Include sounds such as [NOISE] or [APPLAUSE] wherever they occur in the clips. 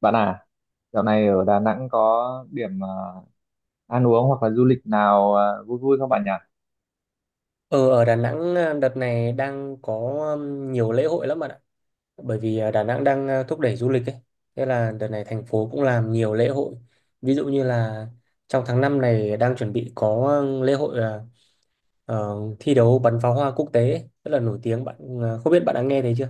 Bạn à, dạo này ở Đà Nẵng có điểm ăn uống hoặc là du lịch nào vui vui không bạn nhỉ? Ờ, ở Đà Nẵng, đợt này đang có nhiều lễ hội lắm bạn ạ. Bởi vì Đà Nẵng đang thúc đẩy du lịch ấy. Thế là đợt này thành phố cũng làm nhiều lễ hội. Ví dụ như là trong tháng 5 này đang chuẩn bị có lễ hội thi đấu bắn pháo hoa quốc tế ấy, rất là nổi tiếng. Bạn à, không biết bạn đã nghe thấy chưa?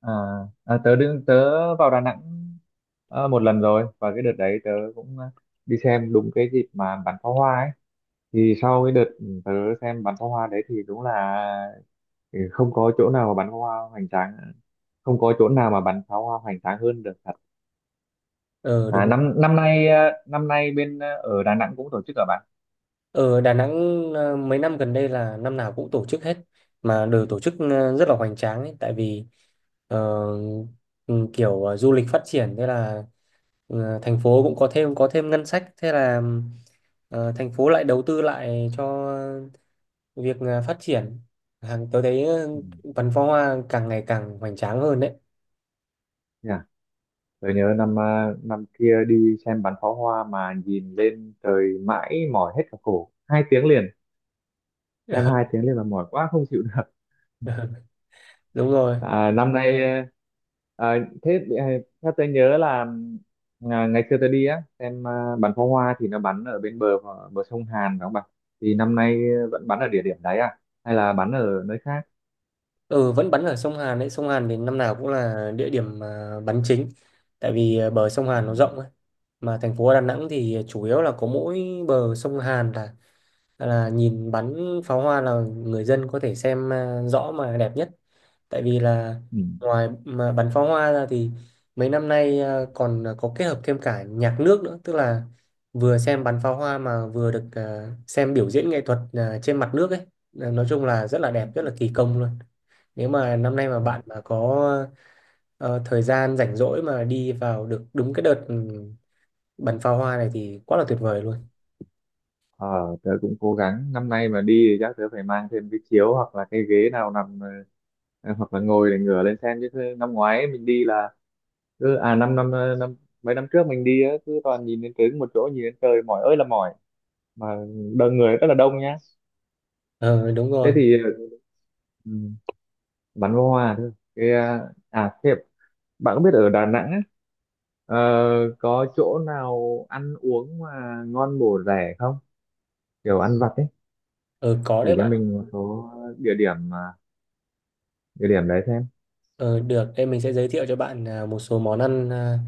À, tớ vào Đà Nẵng một lần rồi, và cái đợt đấy tớ cũng đi xem đúng cái dịp mà bắn pháo hoa ấy. Thì sau cái đợt tớ xem bắn pháo hoa đấy thì đúng là không có chỗ nào mà bắn pháo hoa hoành tráng, không có chỗ nào mà bắn pháo hoa hoành tráng hơn được thật. Ờ, À, đúng rồi. năm năm nay à, năm nay bên ở Đà Nẵng cũng tổ chức ở bạn. Ở Đà Nẵng mấy năm gần đây là năm nào cũng tổ chức hết, mà đều tổ chức rất là hoành tráng ấy. Tại vì ờ, ừ, kiểu du lịch phát triển, thế là thành phố cũng có thêm ngân sách, thế là thành phố lại đầu tư lại cho việc phát triển hàng. Tôi thấy Ừ. Văn Phó Hoa càng ngày càng hoành tráng hơn đấy. Yeah. Tôi nhớ năm năm kia đi xem bắn pháo hoa mà nhìn lên trời mãi mỏi hết cả cổ 2 tiếng liền, xem 2 tiếng liền mà mỏi quá không chịu được. [LAUGHS] Đúng rồi. À, năm nay à, à, thế à, Theo tôi nhớ là ngày xưa tôi đi á xem bắn pháo hoa thì nó bắn ở bên bờ bờ sông Hàn, đúng không bạn? Thì năm nay vẫn bắn ở địa điểm đấy à, hay là bắn ở nơi khác? Ừ, vẫn bắn ở sông Hàn đấy. Sông Hàn thì năm nào cũng là địa điểm bắn chính. Tại vì bờ sông Ừ. Hàn nó rộng ấy. Mà thành phố Đà Nẵng thì chủ yếu là có mỗi bờ sông Hàn là nhìn bắn pháo hoa là người dân có thể xem rõ mà đẹp nhất. Tại vì là Ừ. ngoài mà bắn pháo hoa ra thì mấy năm nay còn có kết hợp thêm cả nhạc nước nữa. Tức là vừa xem bắn pháo hoa mà vừa được xem biểu diễn nghệ thuật trên mặt nước ấy. Nói chung là rất là đẹp, rất là kỳ công luôn. Nếu mà năm nay mà bạn mà có thời gian rảnh rỗi mà đi vào được đúng cái đợt bắn pháo hoa này thì quá là tuyệt vời luôn. Ờ, tớ cũng cố gắng năm nay mà đi thì chắc tớ phải mang thêm cái chiếu hoặc là cái ghế nào nằm hoặc là ngồi để ngửa lên xem, chứ năm ngoái mình đi là cứ à năm năm ờ, năm mấy năm trước mình đi á, cứ toàn nhìn đến trứng một chỗ, nhìn đến trời mỏi ơi là mỏi, mà đông người rất là đông nhá. Ờ, đúng Thế rồi. thì, ừ, bắn pháo hoa thôi cái thế bạn có biết ở Đà Nẵng á, ờ, có chỗ nào ăn uống mà ngon bổ rẻ không, kiểu ăn vặt ấy? Ờ, có Chỉ đấy cho bạn. mình một số địa điểm địa điểm đấy xem. Ờ, được, mình sẽ giới thiệu cho bạn một số món ăn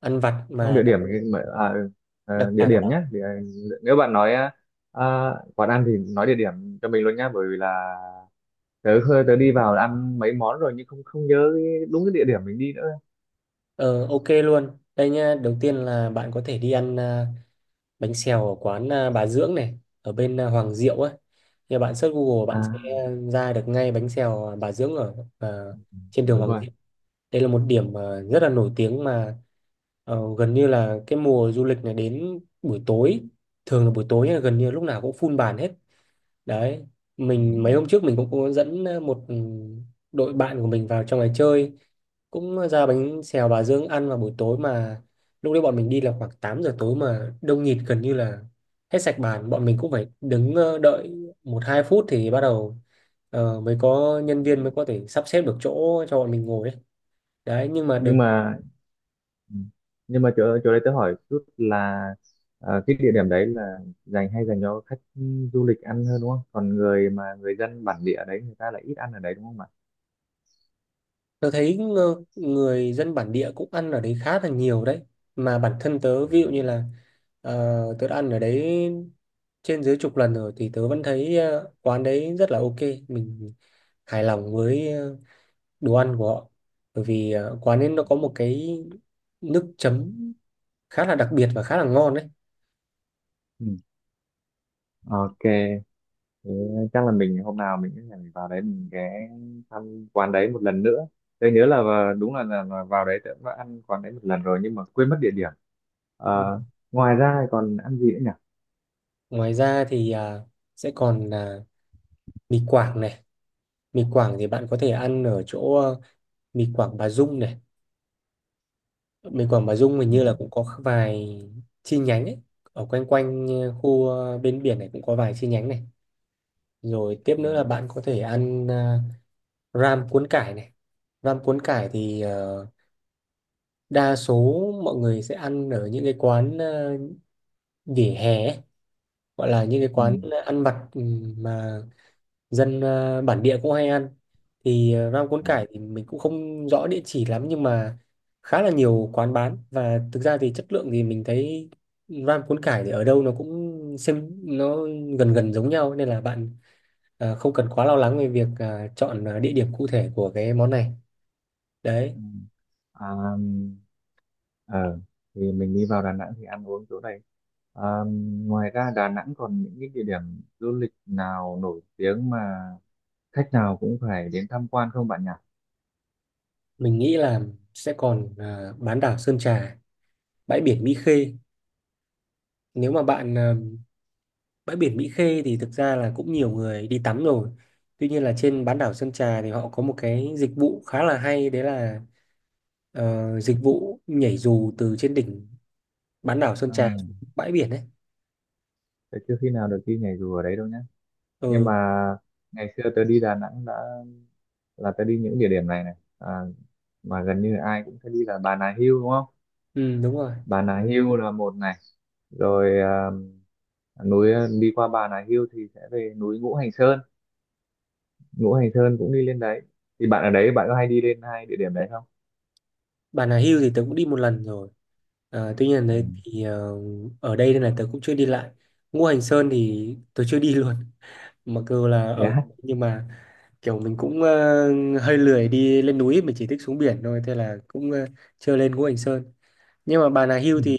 ăn vặt Không mà địa đặc điểm thì mà- à, ừ, ờ, đặc Địa sản ở điểm đó. nhé, thì, ờ, nếu bạn nói quán ăn thì nói địa điểm cho mình luôn nhá, bởi vì là tớ đi vào ăn mấy món rồi nhưng không không nhớ đúng cái địa điểm mình đi nữa. Ờ, ok luôn. Đây nhá, đầu tiên là bạn có thể đi ăn bánh xèo ở quán Bà Dưỡng này, ở bên Hoàng Diệu ấy. Thì bạn search Google bạn sẽ À ra được ngay bánh xèo Bà Dưỡng ở trên đường đúng Hoàng rồi. Diệu. Đây là một điểm Ừ, rất là nổi tiếng mà gần như là cái mùa du lịch này, đến buổi tối, thường là buổi tối là gần như lúc nào cũng full bàn hết đấy. ừ. Mình mấy hôm trước mình cũng có dẫn một đội bạn của mình vào trong này chơi, cũng ra bánh xèo Bà Dương ăn vào buổi tối. Mà lúc đấy bọn mình đi là khoảng 8 giờ tối mà đông nghịt, gần như là hết sạch bàn. Bọn mình cũng phải đứng đợi một hai phút thì bắt đầu mới có nhân viên, mới có thể sắp xếp được chỗ cho bọn mình ngồi ấy. Đấy, nhưng mà được. Nhưng mà ừ. Nhưng mà chỗ chỗ đấy tớ hỏi chút là, ờ, cái địa điểm đấy là dành, hay dành cho khách du lịch ăn hơn đúng không, còn người dân bản địa đấy người ta lại ít ăn ở đấy đúng không ạ? Tớ thấy người dân bản địa cũng ăn ở đấy khá là nhiều đấy. Mà bản thân tớ, ví dụ như là tớ đã ăn ở đấy trên dưới chục lần rồi thì tớ vẫn thấy quán đấy rất là ok. Mình hài lòng với đồ ăn của họ. Bởi vì quán ấy nó có một cái nước chấm khá là đặc biệt và khá là ngon đấy. Ừ. Ok. Thế chắc là mình hôm nào mình sẽ vào đấy mình ghé thăm quán đấy một lần nữa. Tôi nhớ là đúng là vào đấy tôi cũng đã ăn quán đấy một lần rồi, nhưng mà quên mất địa điểm. Ờ, ngoài ra thì còn ăn gì nữa nhỉ? Ngoài ra thì sẽ còn là mì Quảng này. Mì Quảng thì bạn có thể ăn ở chỗ mì Quảng Bà Dung này. Mình Quảng Bà Dung hình Ừ, như là cũng có vài chi nhánh ấy. Ở quanh quanh khu bên biển này cũng có vài chi nhánh này. Rồi tiếp ừ, nữa là bạn có thể ăn ram cuốn cải này. Ram cuốn cải thì đa số mọi người sẽ ăn ở những cái quán vỉa hè ấy, gọi là những cái ừ, quán ăn vặt mà dân bản địa cũng hay ăn. Thì ram cuốn ừ, cải thì mình cũng không rõ địa chỉ lắm, nhưng mà khá là nhiều quán bán, và thực ra thì chất lượng thì mình thấy ram cuốn cải thì ở đâu nó cũng xem nó gần gần giống nhau, nên là bạn không cần quá lo lắng về việc chọn địa điểm cụ thể của cái món này đấy. ừ. À, ờ, thì mình đi vào Đà Nẵng thì ăn uống chỗ này. À, ngoài ra Đà Nẵng còn những cái địa điểm du lịch nào nổi tiếng mà khách nào cũng phải đến tham quan không bạn nhỉ? Mình nghĩ là sẽ còn bán đảo Sơn Trà, bãi biển Mỹ Khê. Nếu mà bạn bãi biển Mỹ Khê thì thực ra là cũng nhiều người đi tắm rồi. Tuy nhiên là trên bán đảo Sơn Trà thì họ có một cái dịch vụ khá là hay đấy, là dịch vụ nhảy dù từ trên đỉnh bán đảo Sơn À, Trà xuống bãi biển ấy. thế chưa khi nào được đi nhảy dù ở đấy đâu nhé. Nhưng Ừ, mà ngày xưa tớ đi Đà Nẵng đã, là tớ đi những địa điểm này này, à, mà gần như ai cũng phải đi là Bà Nà Hills đúng không? ừ, đúng rồi. Bà Nà Hills là một này, rồi núi đi qua Bà Nà Hills thì sẽ về núi Ngũ Hành Sơn. Ngũ Hành Sơn cũng đi lên đấy, thì bạn ở đấy bạn có hay đi lên hai địa điểm đấy không? Bà Nà Hills thì tớ cũng đi một lần rồi. Ờ, tuy nhiên là Ừ. đấy thì ở đây nên là tớ cũng chưa đi lại. Ngũ Hành Sơn thì tớ chưa đi [LAUGHS] luôn. Mặc dù là Thế ở, á. nhưng mà kiểu mình cũng hơi lười đi lên núi, mình chỉ thích xuống biển thôi, thế là cũng chưa lên Ngũ Hành Sơn. Nhưng mà bà nào hưu Ừ. thì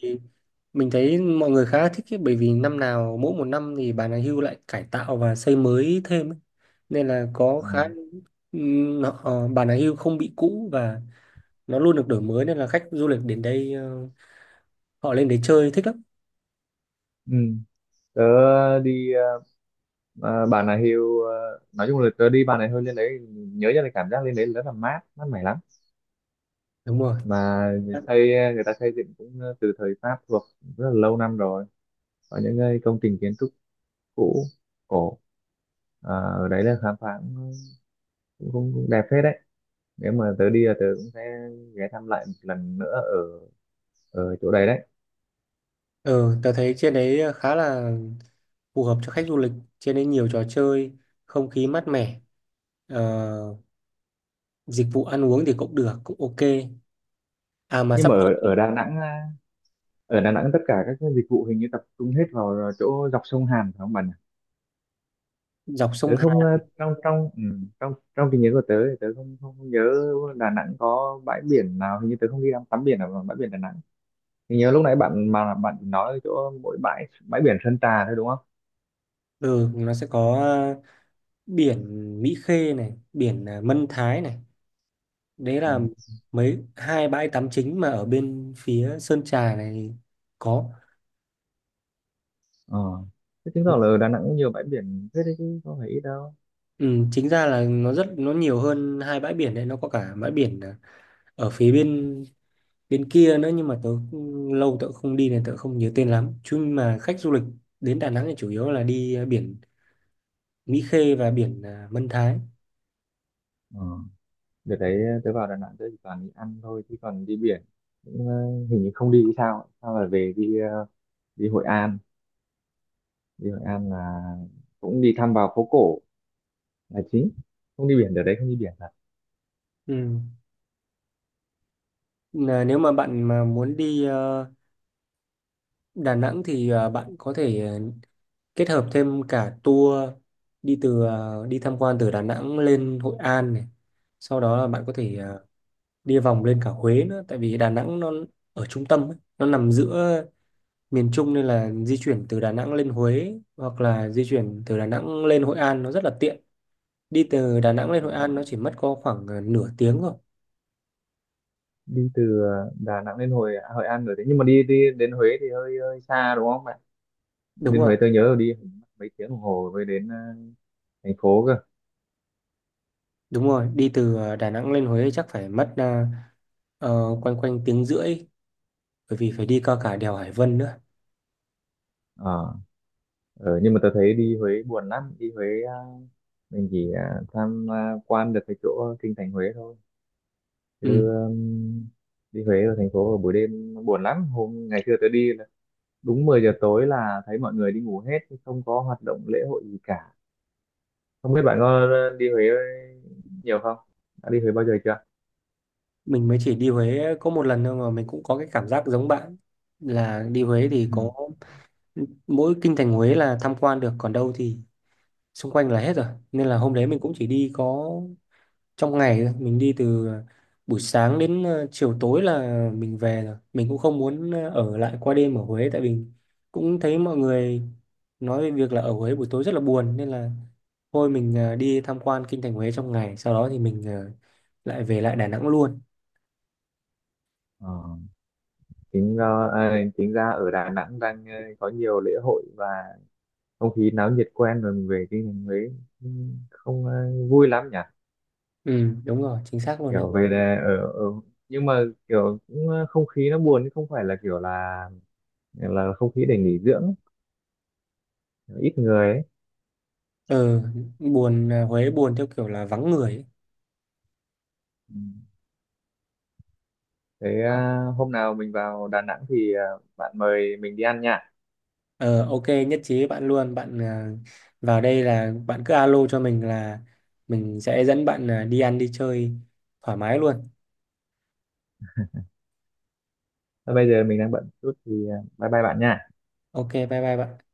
mình thấy mọi người khá là thích ấy, bởi vì năm nào, mỗi một năm thì bà nào hưu lại cải tạo và xây mới thêm ấy. Nên là có khá À, bà nào hưu không bị cũ, và nó luôn được đổi mới, nên là khách du lịch đến đây họ lên đấy chơi thích lắm. ừ. Tớ đi Bà Nà Hills, à, nói chung là tớ đi Bà Nà Hills lên đấy nhớ ra là cảm giác lên đấy rất là mát mát mẻ lắm, Đúng rồi. mà xây người ta xây dựng cũng ờ, từ thời Pháp thuộc, rất là lâu năm rồi, có những cái công trình kiến trúc cũ cổ, à, ở đấy là khám phá cũng, cũng, cũng cũng đẹp phết đấy. Nếu mà tớ đi là tớ cũng sẽ ghé thăm lại một lần nữa ở ở chỗ đấy đấy. Ừ, tớ thấy trên đấy khá là phù hợp cho khách du lịch, trên đấy nhiều trò chơi, không khí mát mẻ, ờ, dịch vụ ăn uống thì cũng được, cũng ok. À mà Nhưng sắp mà ở tới ở Đà Nẵng ở Đà Nẵng tất cả các cái dịch vụ hình như tập trung hết vào ờ, chỗ dọc sông Hàn phải không bạn? dọc Tớ sông Hàn. không à, trong trong ừ, trong trong trí nhớ của tớ thì tớ không không nhớ Đà Nẵng có bãi biển nào, hình như tớ không đi tắm biển ở bãi biển Đà Nẵng. Mình nhớ lúc nãy bạn mà bạn nói chỗ mỗi bãi bãi biển Sơn Trà thôi đúng không? Ừ, nó sẽ có biển Mỹ Khê này, biển Mân Thái này, đấy Ừ. là hai bãi tắm chính mà ở bên phía Sơn Trà này có. Ờ. Thế chứng tỏ là ở Đà Nẵng cũng nhiều bãi biển thế đấy chứ không phải ít đâu. Ừ, chính ra là nó rất nhiều hơn hai bãi biển đấy, nó có cả bãi biển ở phía bên bên kia nữa, nhưng mà tớ lâu tớ không đi nên tớ không nhớ tên lắm. Chứ mà khách du lịch đến Đà Nẵng thì chủ yếu là đi biển Mỹ Khê và biển Mân Thái. Ờ. Đợt đấy ờ, tớ vào Đà Nẵng tớ chỉ toàn đi ăn thôi, chứ còn đi biển cũng, ờ, hình như không đi, thì sao sao là về đi đi Hội An. Đi Hội An là cũng đi thăm vào phố cổ là chính, không đi biển, đợt đấy không đi biển thật. Ừ. Là nếu mà bạn mà muốn đi Đà Nẵng thì bạn có thể kết hợp thêm cả tour đi tham quan từ Đà Nẵng lên Hội An này. Sau đó là bạn có Ừ. thể đi vòng lên cả Huế nữa, tại vì Đà Nẵng nó ở trung tâm ấy, nó nằm giữa miền Trung, nên là di chuyển từ Đà Nẵng lên Huế hoặc là di chuyển từ Đà Nẵng lên Hội An nó rất là tiện. Đi từ Đà Nẵng lên Ờ. Hội An nó chỉ mất có khoảng nửa tiếng thôi. Đi từ ờ, Đà Nẵng đến Hội Hội An rồi đấy, nhưng mà đi đi đến Huế thì hơi hơi xa đúng không? Đúng Đến rồi, Huế tôi nhớ là đi mấy tiếng đồng hồ mới đến ờ, thành phố cơ. đúng rồi, đi từ Đà Nẵng lên Huế chắc phải mất ờ, quanh quanh tiếng rưỡi, bởi vì phải đi qua cả đèo Hải Vân nữa. Ờ. Ờ, nhưng mà tôi thấy đi Huế buồn lắm, đi Huế ờ, mình chỉ ờ, quan được cái chỗ kinh thành Huế thôi, Ừ, chứ ừm, đi Huế ở thành phố vào buổi đêm nó buồn lắm, hôm ngày xưa tôi đi là đúng 10 giờ tối là thấy mọi người đi ngủ hết chứ không có hoạt động lễ hội gì cả. Không biết bạn có ờ, đi Huế nhiều không, đã đi Huế bao giờ chưa? mình mới chỉ đi Huế có một lần thôi, mà mình cũng có cái cảm giác giống bạn là đi Huế thì có [LAUGHS] mỗi kinh thành Huế là tham quan được, còn đâu thì xung quanh là hết rồi. Nên là hôm đấy mình cũng chỉ đi có trong ngày thôi. Mình đi từ buổi sáng đến chiều tối là mình về rồi, mình cũng không muốn ở lại qua đêm ở Huế, tại vì cũng thấy mọi người nói về việc là ở Huế buổi tối rất là buồn, nên là thôi mình đi tham quan kinh thành Huế trong ngày, sau đó thì mình lại về lại Đà Nẵng luôn. Ờ, chính ra chính ra ở Đà Nẵng đang ờ, có nhiều lễ hội và không khí náo nhiệt quen rồi, mình về cái thành Huế cũng không ờ, vui lắm nhỉ. Ừ, đúng rồi, chính xác luôn đấy. Kiểu về là ở nhưng mà kiểu cũng ờ, không khí nó buồn chứ không phải là kiểu là không khí để nghỉ dưỡng ấy, ít người ấy. ờ Huế buồn theo kiểu là vắng người ấy. Ừ. Thế ờ, hôm nào mình vào Đà Nẵng thì ờ, bạn mời mình đi ăn nha. Ờ, ok, nhất trí với bạn luôn. Bạn à, vào đây là bạn cứ alo cho mình, là mình sẽ dẫn bạn đi ăn đi chơi thoải mái luôn. Thôi bây giờ mình đang bận chút thì ờ, bye bye bạn nha. Ok, bye bye bạn.